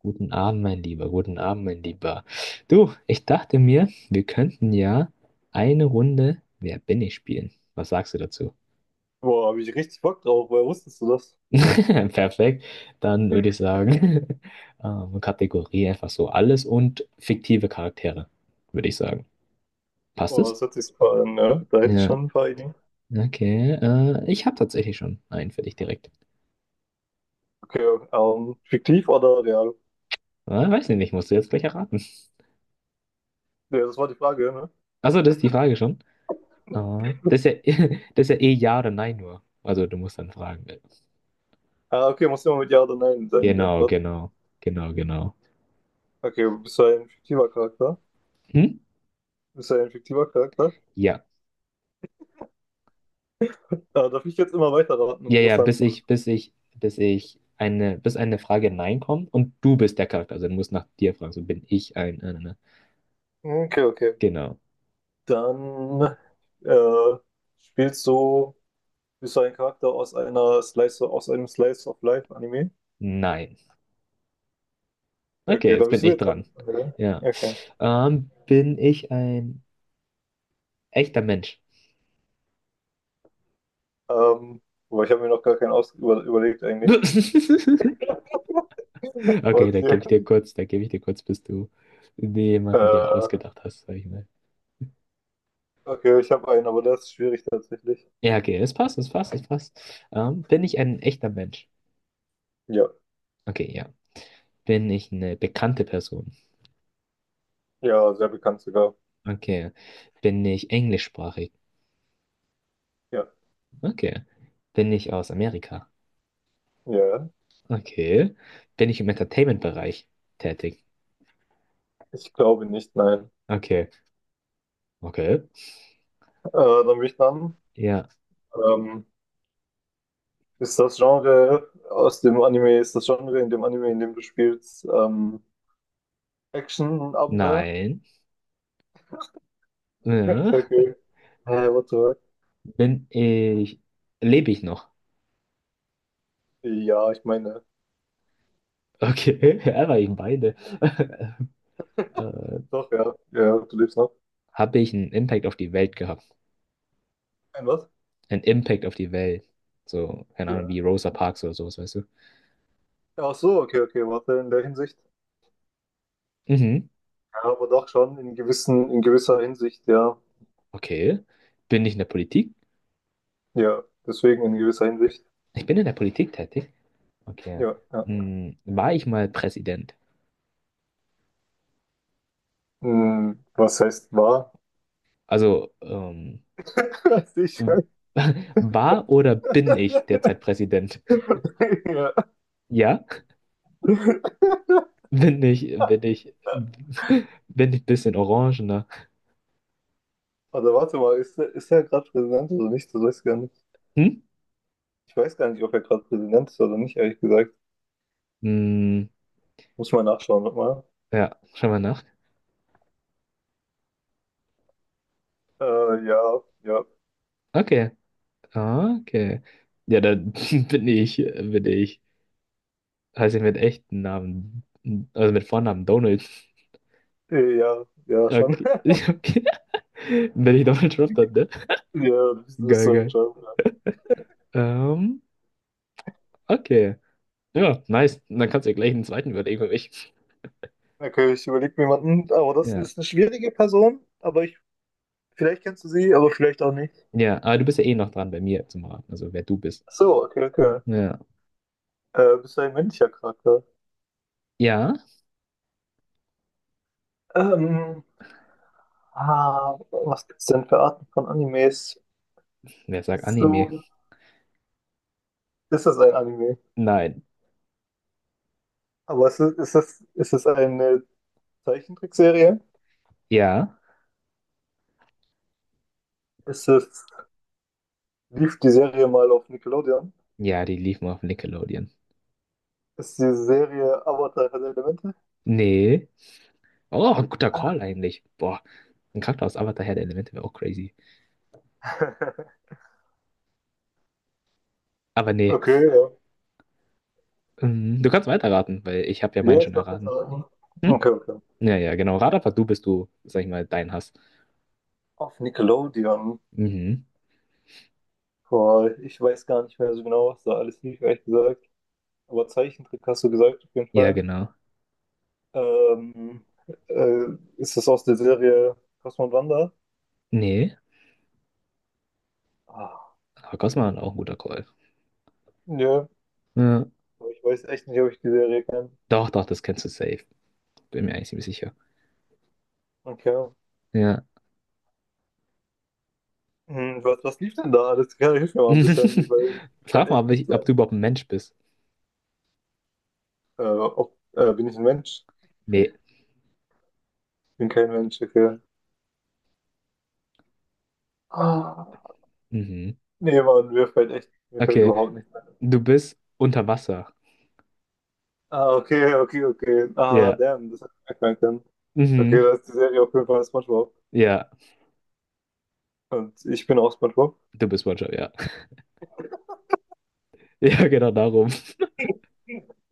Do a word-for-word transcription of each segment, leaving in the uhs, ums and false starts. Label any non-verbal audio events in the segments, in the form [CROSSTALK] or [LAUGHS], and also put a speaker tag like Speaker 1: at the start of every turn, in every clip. Speaker 1: Guten Abend, mein Lieber, guten Abend, mein Lieber. Du, ich dachte mir, wir könnten ja eine Runde Wer bin ich spielen. Was sagst du dazu?
Speaker 2: Boah, habe ich richtig Bock drauf. Woher wusstest du das?
Speaker 1: [LAUGHS] Perfekt. Dann würde ich sagen, [LAUGHS] ähm, Kategorie einfach so alles und fiktive Charaktere, würde ich sagen. Passt
Speaker 2: Boah,
Speaker 1: es?
Speaker 2: das hört sich super an, ne? Da hätte ich
Speaker 1: Ja,
Speaker 2: schon ein paar Ideen.
Speaker 1: okay. Äh, ich habe tatsächlich schon einen für dich direkt.
Speaker 2: Okay, ähm, fiktiv oder real?
Speaker 1: Äh, weiß ich nicht, musst du jetzt gleich erraten.
Speaker 2: Ja, das war die Frage, ne?
Speaker 1: Achso, das ist die Frage schon. Ah, das ist ja, [LAUGHS] das ist ja eh Ja oder Nein nur. Also du musst dann fragen.
Speaker 2: Ah, okay, muss immer mit Ja oder Nein sein, die
Speaker 1: Genau,
Speaker 2: Antwort.
Speaker 1: genau, genau, genau.
Speaker 2: Okay, bist du ein fiktiver Charakter?
Speaker 1: Hm?
Speaker 2: Bist du ein fiktiver Charakter?
Speaker 1: Ja.
Speaker 2: Ah, darf ich jetzt immer weiterraten
Speaker 1: Ja,
Speaker 2: und muss
Speaker 1: ja,
Speaker 2: dann.
Speaker 1: bis ich, bis ich, bis ich eine, bis eine Frage Nein kommt und du bist der Charakter. Also du musst nach dir fragen, so bin ich ein. Äh, ne, ne.
Speaker 2: Okay, okay.
Speaker 1: Genau.
Speaker 2: Dann äh, spielst du, bist du ein Charakter aus einer Slice, aus einem Slice of Life Anime?
Speaker 1: Nein. Okay,
Speaker 2: Okay, da
Speaker 1: jetzt
Speaker 2: bist
Speaker 1: bin
Speaker 2: du
Speaker 1: ich
Speaker 2: jetzt an.
Speaker 1: dran.
Speaker 2: an-
Speaker 1: Ja.
Speaker 2: Okay.
Speaker 1: Ähm, bin ich ein echter Mensch?
Speaker 2: Ähm, aber ich habe mir noch gar keinen aus über überlegt eigentlich.
Speaker 1: [LAUGHS]
Speaker 2: [LAUGHS]
Speaker 1: Okay, da gebe ich dir
Speaker 2: Trotzdem.
Speaker 1: kurz, da gebe ich dir kurz, bis du jemanden dir
Speaker 2: Äh,
Speaker 1: ausgedacht hast, sag ich mal.
Speaker 2: okay, ich habe einen, aber der ist schwierig tatsächlich.
Speaker 1: Ja, okay, es passt, es passt, es passt. Ähm, bin ich ein echter Mensch?
Speaker 2: Ja,
Speaker 1: Okay, ja. Bin ich eine bekannte Person?
Speaker 2: ja, sehr bekannt sogar.
Speaker 1: Okay. Bin ich englischsprachig?
Speaker 2: Ja,
Speaker 1: Okay. Bin ich aus Amerika?
Speaker 2: ja. Ja.
Speaker 1: Okay. Bin ich im Entertainment-Bereich tätig?
Speaker 2: Ich glaube nicht, nein.
Speaker 1: Okay. Okay.
Speaker 2: Äh, dann bin ich dran.
Speaker 1: Ja.
Speaker 2: Ähm, ist das Genre aus dem Anime, ist das Genre in dem Anime, in dem du spielst, ähm, Action-Abenteuer? [LAUGHS]
Speaker 1: Nein. Ja.
Speaker 2: Okay. Hä, what the fuck?
Speaker 1: Bin ich. Lebe ich noch?
Speaker 2: Ja, ich meine,
Speaker 1: Okay. [LAUGHS] Ja, war ich beide. [LAUGHS] äh,
Speaker 2: doch, ja. Ja, du lebst noch.
Speaker 1: Habe ich einen Impact auf die Welt gehabt?
Speaker 2: Ein was?
Speaker 1: Ein Impact auf die Welt. So, keine Ahnung, wie
Speaker 2: Ja.
Speaker 1: Rosa Parks oder sowas, weißt du?
Speaker 2: Ach so, okay, okay, warte, in der Hinsicht.
Speaker 1: Mhm.
Speaker 2: Ja, aber doch schon in gewissen, in gewisser Hinsicht, ja.
Speaker 1: Okay. Bin ich in der Politik?
Speaker 2: Ja, deswegen in gewisser Hinsicht.
Speaker 1: Ich bin in der Politik tätig. Okay.
Speaker 2: Ja, ja.
Speaker 1: Hm, war ich mal Präsident?
Speaker 2: Hm, was heißt wahr?
Speaker 1: Also, ähm,
Speaker 2: [LAUGHS] Weiß Ich-
Speaker 1: w- [LAUGHS] war oder bin ich derzeit Präsident? [LAUGHS]
Speaker 2: ja.
Speaker 1: Ja? Bin ich, bin ich, [LAUGHS] bin ich ein bisschen orangener?
Speaker 2: Oder warte mal, ist der, ist der gerade Präsident oder nicht? Das weiß ich gar nicht.
Speaker 1: Hm?
Speaker 2: Ich weiß gar nicht, ob er gerade Präsident ist oder nicht, ehrlich gesagt.
Speaker 1: Hm,
Speaker 2: Muss mal nachschauen nochmal.
Speaker 1: ja, schau mal nach.
Speaker 2: Äh, ja, ja.
Speaker 1: Okay. Ah, okay. Ja, dann [LAUGHS] bin ich, bin ich, heiße ich mit echten Namen, also mit Vornamen Donald.
Speaker 2: Äh, ja, ja, schon.
Speaker 1: Okay.
Speaker 2: [LAUGHS]
Speaker 1: [LAUGHS] Okay. Bin ich Donald Trump dann, ne?
Speaker 2: Ja, das ist
Speaker 1: Geil,
Speaker 2: so ein
Speaker 1: geil.
Speaker 2: Job. Ja.
Speaker 1: Ähm, okay. Ja, nice. Und dann kannst du ja gleich einen zweiten überlegen für mich.
Speaker 2: Okay, ich überlege mir jemanden, aber das
Speaker 1: Ja.
Speaker 2: ist eine schwierige Person, aber ich, vielleicht kennst du sie, aber vielleicht auch nicht.
Speaker 1: Ja, aber du bist ja eh noch dran bei mir zum Raten, also wer du bist.
Speaker 2: Ach so, okay, okay.
Speaker 1: Ja.
Speaker 2: Äh, bist du ein männlicher Charakter?
Speaker 1: Ja?
Speaker 2: Ähm, ah, was gibt's denn für Arten von Animes?
Speaker 1: Wer sagt Anime?
Speaker 2: So, ist es ein Anime?
Speaker 1: Nein.
Speaker 2: Aber ist es, ist es, ist es eine Zeichentrickserie?
Speaker 1: Ja?
Speaker 2: Ist es, lief die Serie mal auf Nickelodeon?
Speaker 1: Ja, die lief mal auf Nickelodeon.
Speaker 2: Ist die Serie Avatar Herr der Elemente?
Speaker 1: Nee. Oh, ein guter Call eigentlich. Boah, ein Charakter aus Avatar Herr der Elemente wäre auch crazy.
Speaker 2: [LAUGHS]
Speaker 1: Aber nee.
Speaker 2: Okay, ja.
Speaker 1: Ähm, Du kannst weiterraten, weil ich habe ja meinen
Speaker 2: Ja, ich
Speaker 1: schon
Speaker 2: darf jetzt
Speaker 1: erraten.
Speaker 2: raten.
Speaker 1: Hm?
Speaker 2: Okay, okay.
Speaker 1: Ja, ja, genau. Rat einfach du, bis du, sag ich mal, deinen hast.
Speaker 2: Auf Nickelodeon.
Speaker 1: Mhm.
Speaker 2: Boah, ich weiß gar nicht mehr so genau, was da alles lief, ehrlich gesagt. Aber Zeichentrick hast du gesagt, auf jeden
Speaker 1: Ja,
Speaker 2: Fall.
Speaker 1: genau.
Speaker 2: Ähm, äh, ist das aus der Serie Cosmo und Wanda?
Speaker 1: Nee.
Speaker 2: Ah,
Speaker 1: Aber Cosma war auch ein guter Call.
Speaker 2: nö.
Speaker 1: Ja.
Speaker 2: Aber ich weiß echt nicht, ob ich die Serie kenne.
Speaker 1: Doch, doch, das kennst du safe. Bin mir eigentlich ziemlich sicher.
Speaker 2: Okay.
Speaker 1: Ja.
Speaker 2: Hm, was, was lief denn da? Das kann ich mir mal ein bisschen,
Speaker 1: [LAUGHS]
Speaker 2: weil mir fällt
Speaker 1: Frag mal,
Speaker 2: echt
Speaker 1: ob,
Speaker 2: nicht
Speaker 1: ich, ob du
Speaker 2: sein.
Speaker 1: überhaupt ein Mensch bist.
Speaker 2: Äh, ob, äh, bin ich ein Mensch?
Speaker 1: Nee.
Speaker 2: Bin kein Mensch, okay. Ah,
Speaker 1: Mhm.
Speaker 2: nee, Mann, mir fällt echt, mir fällt
Speaker 1: Okay.
Speaker 2: überhaupt nicht ein.
Speaker 1: Du bist unter Wasser.
Speaker 2: Ah, okay, okay, okay. Ah,
Speaker 1: Ja.
Speaker 2: damn, das hätte ich merken können. Okay,
Speaker 1: Mhm.
Speaker 2: da ist die Serie auf jeden Fall SpongeBob.
Speaker 1: Ja.
Speaker 2: Und ich bin auch SpongeBob.
Speaker 1: Du bist SpongeBob, ja. [LAUGHS] Ja, genau darum.
Speaker 2: [LAUGHS]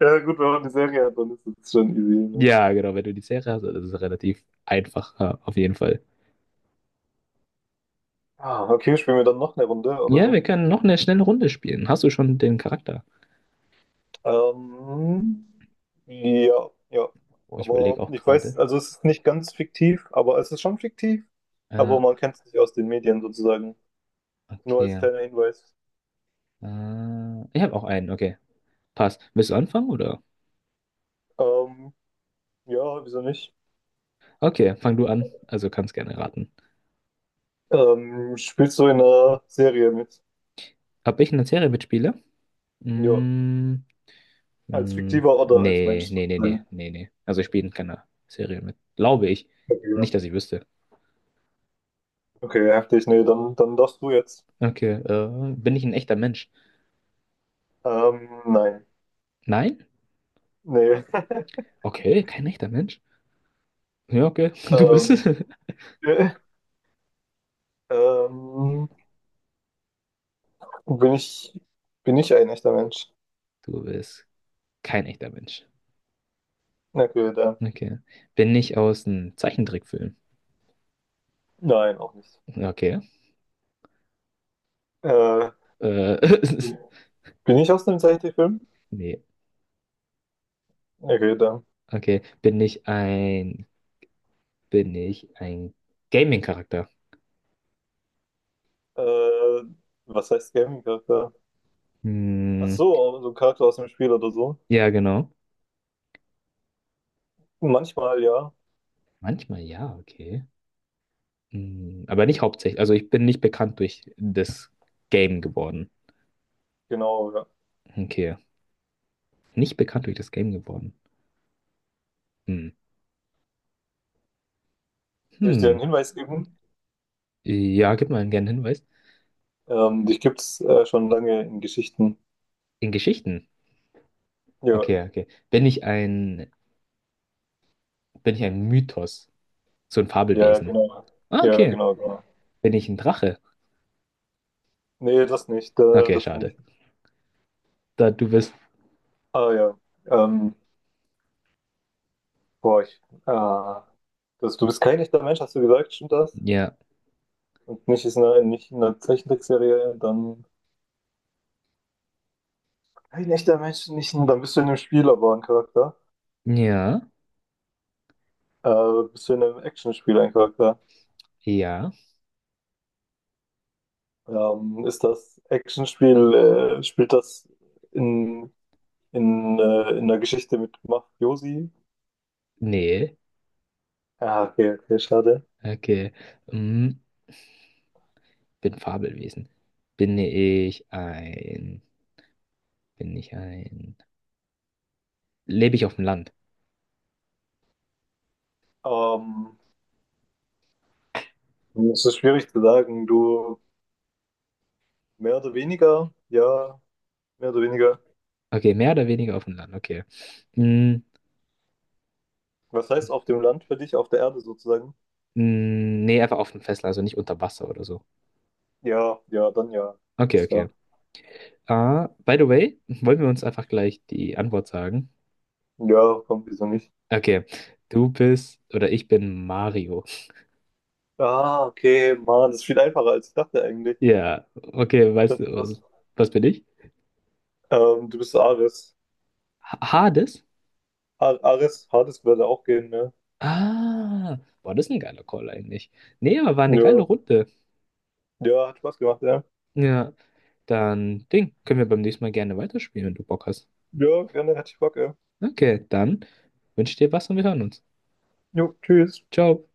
Speaker 2: Ja, gut, wenn man eine Serie hat, dann ist es schon easy, ne?
Speaker 1: Ja, genau. Wenn du die Serie hast, dann ist es relativ einfach, ja, auf jeden Fall.
Speaker 2: Ah, okay, spielen wir dann noch eine Runde,
Speaker 1: Ja,
Speaker 2: oder?
Speaker 1: wir können noch eine schnelle Runde spielen. Hast du schon den Charakter?
Speaker 2: Ähm, ja, ja.
Speaker 1: Oh, ich überlege
Speaker 2: Aber
Speaker 1: auch
Speaker 2: ich weiß,
Speaker 1: gerade.
Speaker 2: also es ist nicht ganz fiktiv, aber es ist schon fiktiv.
Speaker 1: Äh,
Speaker 2: Aber man kennt es nicht aus den Medien sozusagen. Nur als
Speaker 1: okay.
Speaker 2: kleiner Hinweis.
Speaker 1: Äh, ich habe auch einen, okay. Passt. Willst du anfangen oder?
Speaker 2: Ähm, ja, wieso nicht?
Speaker 1: Okay, fang du an. Also kannst gerne raten.
Speaker 2: Ähm, spielst du in einer Serie mit?
Speaker 1: Ob ich in der Serie mitspiele?
Speaker 2: Ja,
Speaker 1: Mm,
Speaker 2: als
Speaker 1: mm,
Speaker 2: fiktiver oder als Mensch
Speaker 1: nee, nee, nee, nee,
Speaker 2: sozusagen.
Speaker 1: nee, nee. Also ich spiele in keiner Serie mit. Glaube ich.
Speaker 2: Okay,
Speaker 1: Nicht, dass ich wüsste.
Speaker 2: okay, heftig. Nee, dann, dann darfst du jetzt.
Speaker 1: Okay, äh, bin ich ein echter Mensch?
Speaker 2: Ähm, nein.
Speaker 1: Nein?
Speaker 2: Nee. [LAUGHS]
Speaker 1: Okay, kein echter Mensch. Ja, okay, [LAUGHS] du bist es.
Speaker 2: Ähm, [LAUGHS] ähm, Bin ich, bin ich ein echter Mensch?
Speaker 1: Du bist kein echter Mensch.
Speaker 2: Na gut, äh,
Speaker 1: Okay. Bin ich aus einem Zeichentrickfilm?
Speaker 2: nein, auch nicht.
Speaker 1: Okay.
Speaker 2: Äh,
Speaker 1: Äh, [LAUGHS]
Speaker 2: bin ich aus einem Zeichentrickfilm?
Speaker 1: Nee.
Speaker 2: Na gut, äh,
Speaker 1: Okay. Bin ich ein... Bin ich ein Gaming-Charakter?
Speaker 2: äh, was heißt Gaming-Charakter? Ach
Speaker 1: Hm,
Speaker 2: so, so ein Charakter aus dem Spiel oder so.
Speaker 1: ja, genau.
Speaker 2: Manchmal, ja.
Speaker 1: Manchmal ja, okay. Hm, aber nicht hauptsächlich. Also ich bin nicht bekannt durch das Game geworden.
Speaker 2: Genau, ja.
Speaker 1: Okay. Nicht bekannt durch das Game geworden. Hm.
Speaker 2: Soll ich dir
Speaker 1: Hm.
Speaker 2: einen Hinweis geben?
Speaker 1: Ja, gib mal einen gerne Hinweis.
Speaker 2: Ähm, dich gibt's äh, schon lange in Geschichten.
Speaker 1: In Geschichten.
Speaker 2: Ja,
Speaker 1: Okay, okay. Bin ich ein, bin ich ein Mythos? So ein
Speaker 2: ja,
Speaker 1: Fabelwesen.
Speaker 2: genau.
Speaker 1: Ah,
Speaker 2: Ja,
Speaker 1: okay.
Speaker 2: genau, genau.
Speaker 1: Bin ich ein Drache?
Speaker 2: Nee, das nicht, äh,
Speaker 1: Okay,
Speaker 2: das nicht.
Speaker 1: schade. Da du bist.
Speaker 2: Ah ja, ähm, boah, ich, ah, das, du bist kein echter Mensch, hast du gesagt, stimmt das?
Speaker 1: Ja.
Speaker 2: Und nicht ist eine, nicht eine Zeichentrickserie, dann ein echter Mensch, nicht, ein- dann bist du in einem Spiel aber ein Charakter.
Speaker 1: Ja.
Speaker 2: Äh, bist du in einem Actionspiel ein Charakter.
Speaker 1: Ja.
Speaker 2: Ähm, ist das Actionspiel, äh, spielt das in, in, äh, in der Geschichte mit Mafiosi?
Speaker 1: Nee.
Speaker 2: Ah, okay, okay, schade.
Speaker 1: Okay. Hm. Bin Fabelwesen. Bin ich ein. Bin ich ein. Lebe ich auf dem Land?
Speaker 2: Ähm, es ist schwierig zu sagen. Du mehr oder weniger, ja, mehr oder weniger.
Speaker 1: Okay, mehr oder weniger auf dem Land, okay. Mm,
Speaker 2: Was heißt auf dem Land für dich, auf der Erde sozusagen?
Speaker 1: mm, nee, einfach auf dem Festland, also nicht unter Wasser oder so.
Speaker 2: Ja, ja, dann ja.
Speaker 1: Okay,
Speaker 2: Das
Speaker 1: okay.
Speaker 2: war.
Speaker 1: Ah, by the way, [LAUGHS] wollen wir uns einfach gleich die Antwort sagen?
Speaker 2: Ja, komm, wieso nicht?
Speaker 1: Okay, du bist oder ich bin Mario.
Speaker 2: Ah, okay, Mann, das ist viel einfacher, als ich dachte eigentlich.
Speaker 1: Ja, okay, weißt
Speaker 2: Das
Speaker 1: du,
Speaker 2: ist was.
Speaker 1: was, was bin ich?
Speaker 2: Ähm, du bist Ares.
Speaker 1: Ha- Hades?
Speaker 2: Ar Ares, Hades würde auch gehen, ne?
Speaker 1: Ah, boah, das ist ein geiler Call eigentlich. Nee, aber war eine
Speaker 2: Ja.
Speaker 1: geile Runde.
Speaker 2: Ja, hat Spaß gemacht, ja.
Speaker 1: Ja, dann Ding, können wir beim nächsten Mal gerne weiterspielen, wenn du Bock hast.
Speaker 2: Ja, gerne, hätte ich Bock, ja.
Speaker 1: Okay, dann wünsche ich dir was und wir hören uns.
Speaker 2: Jo, tschüss.
Speaker 1: Ciao.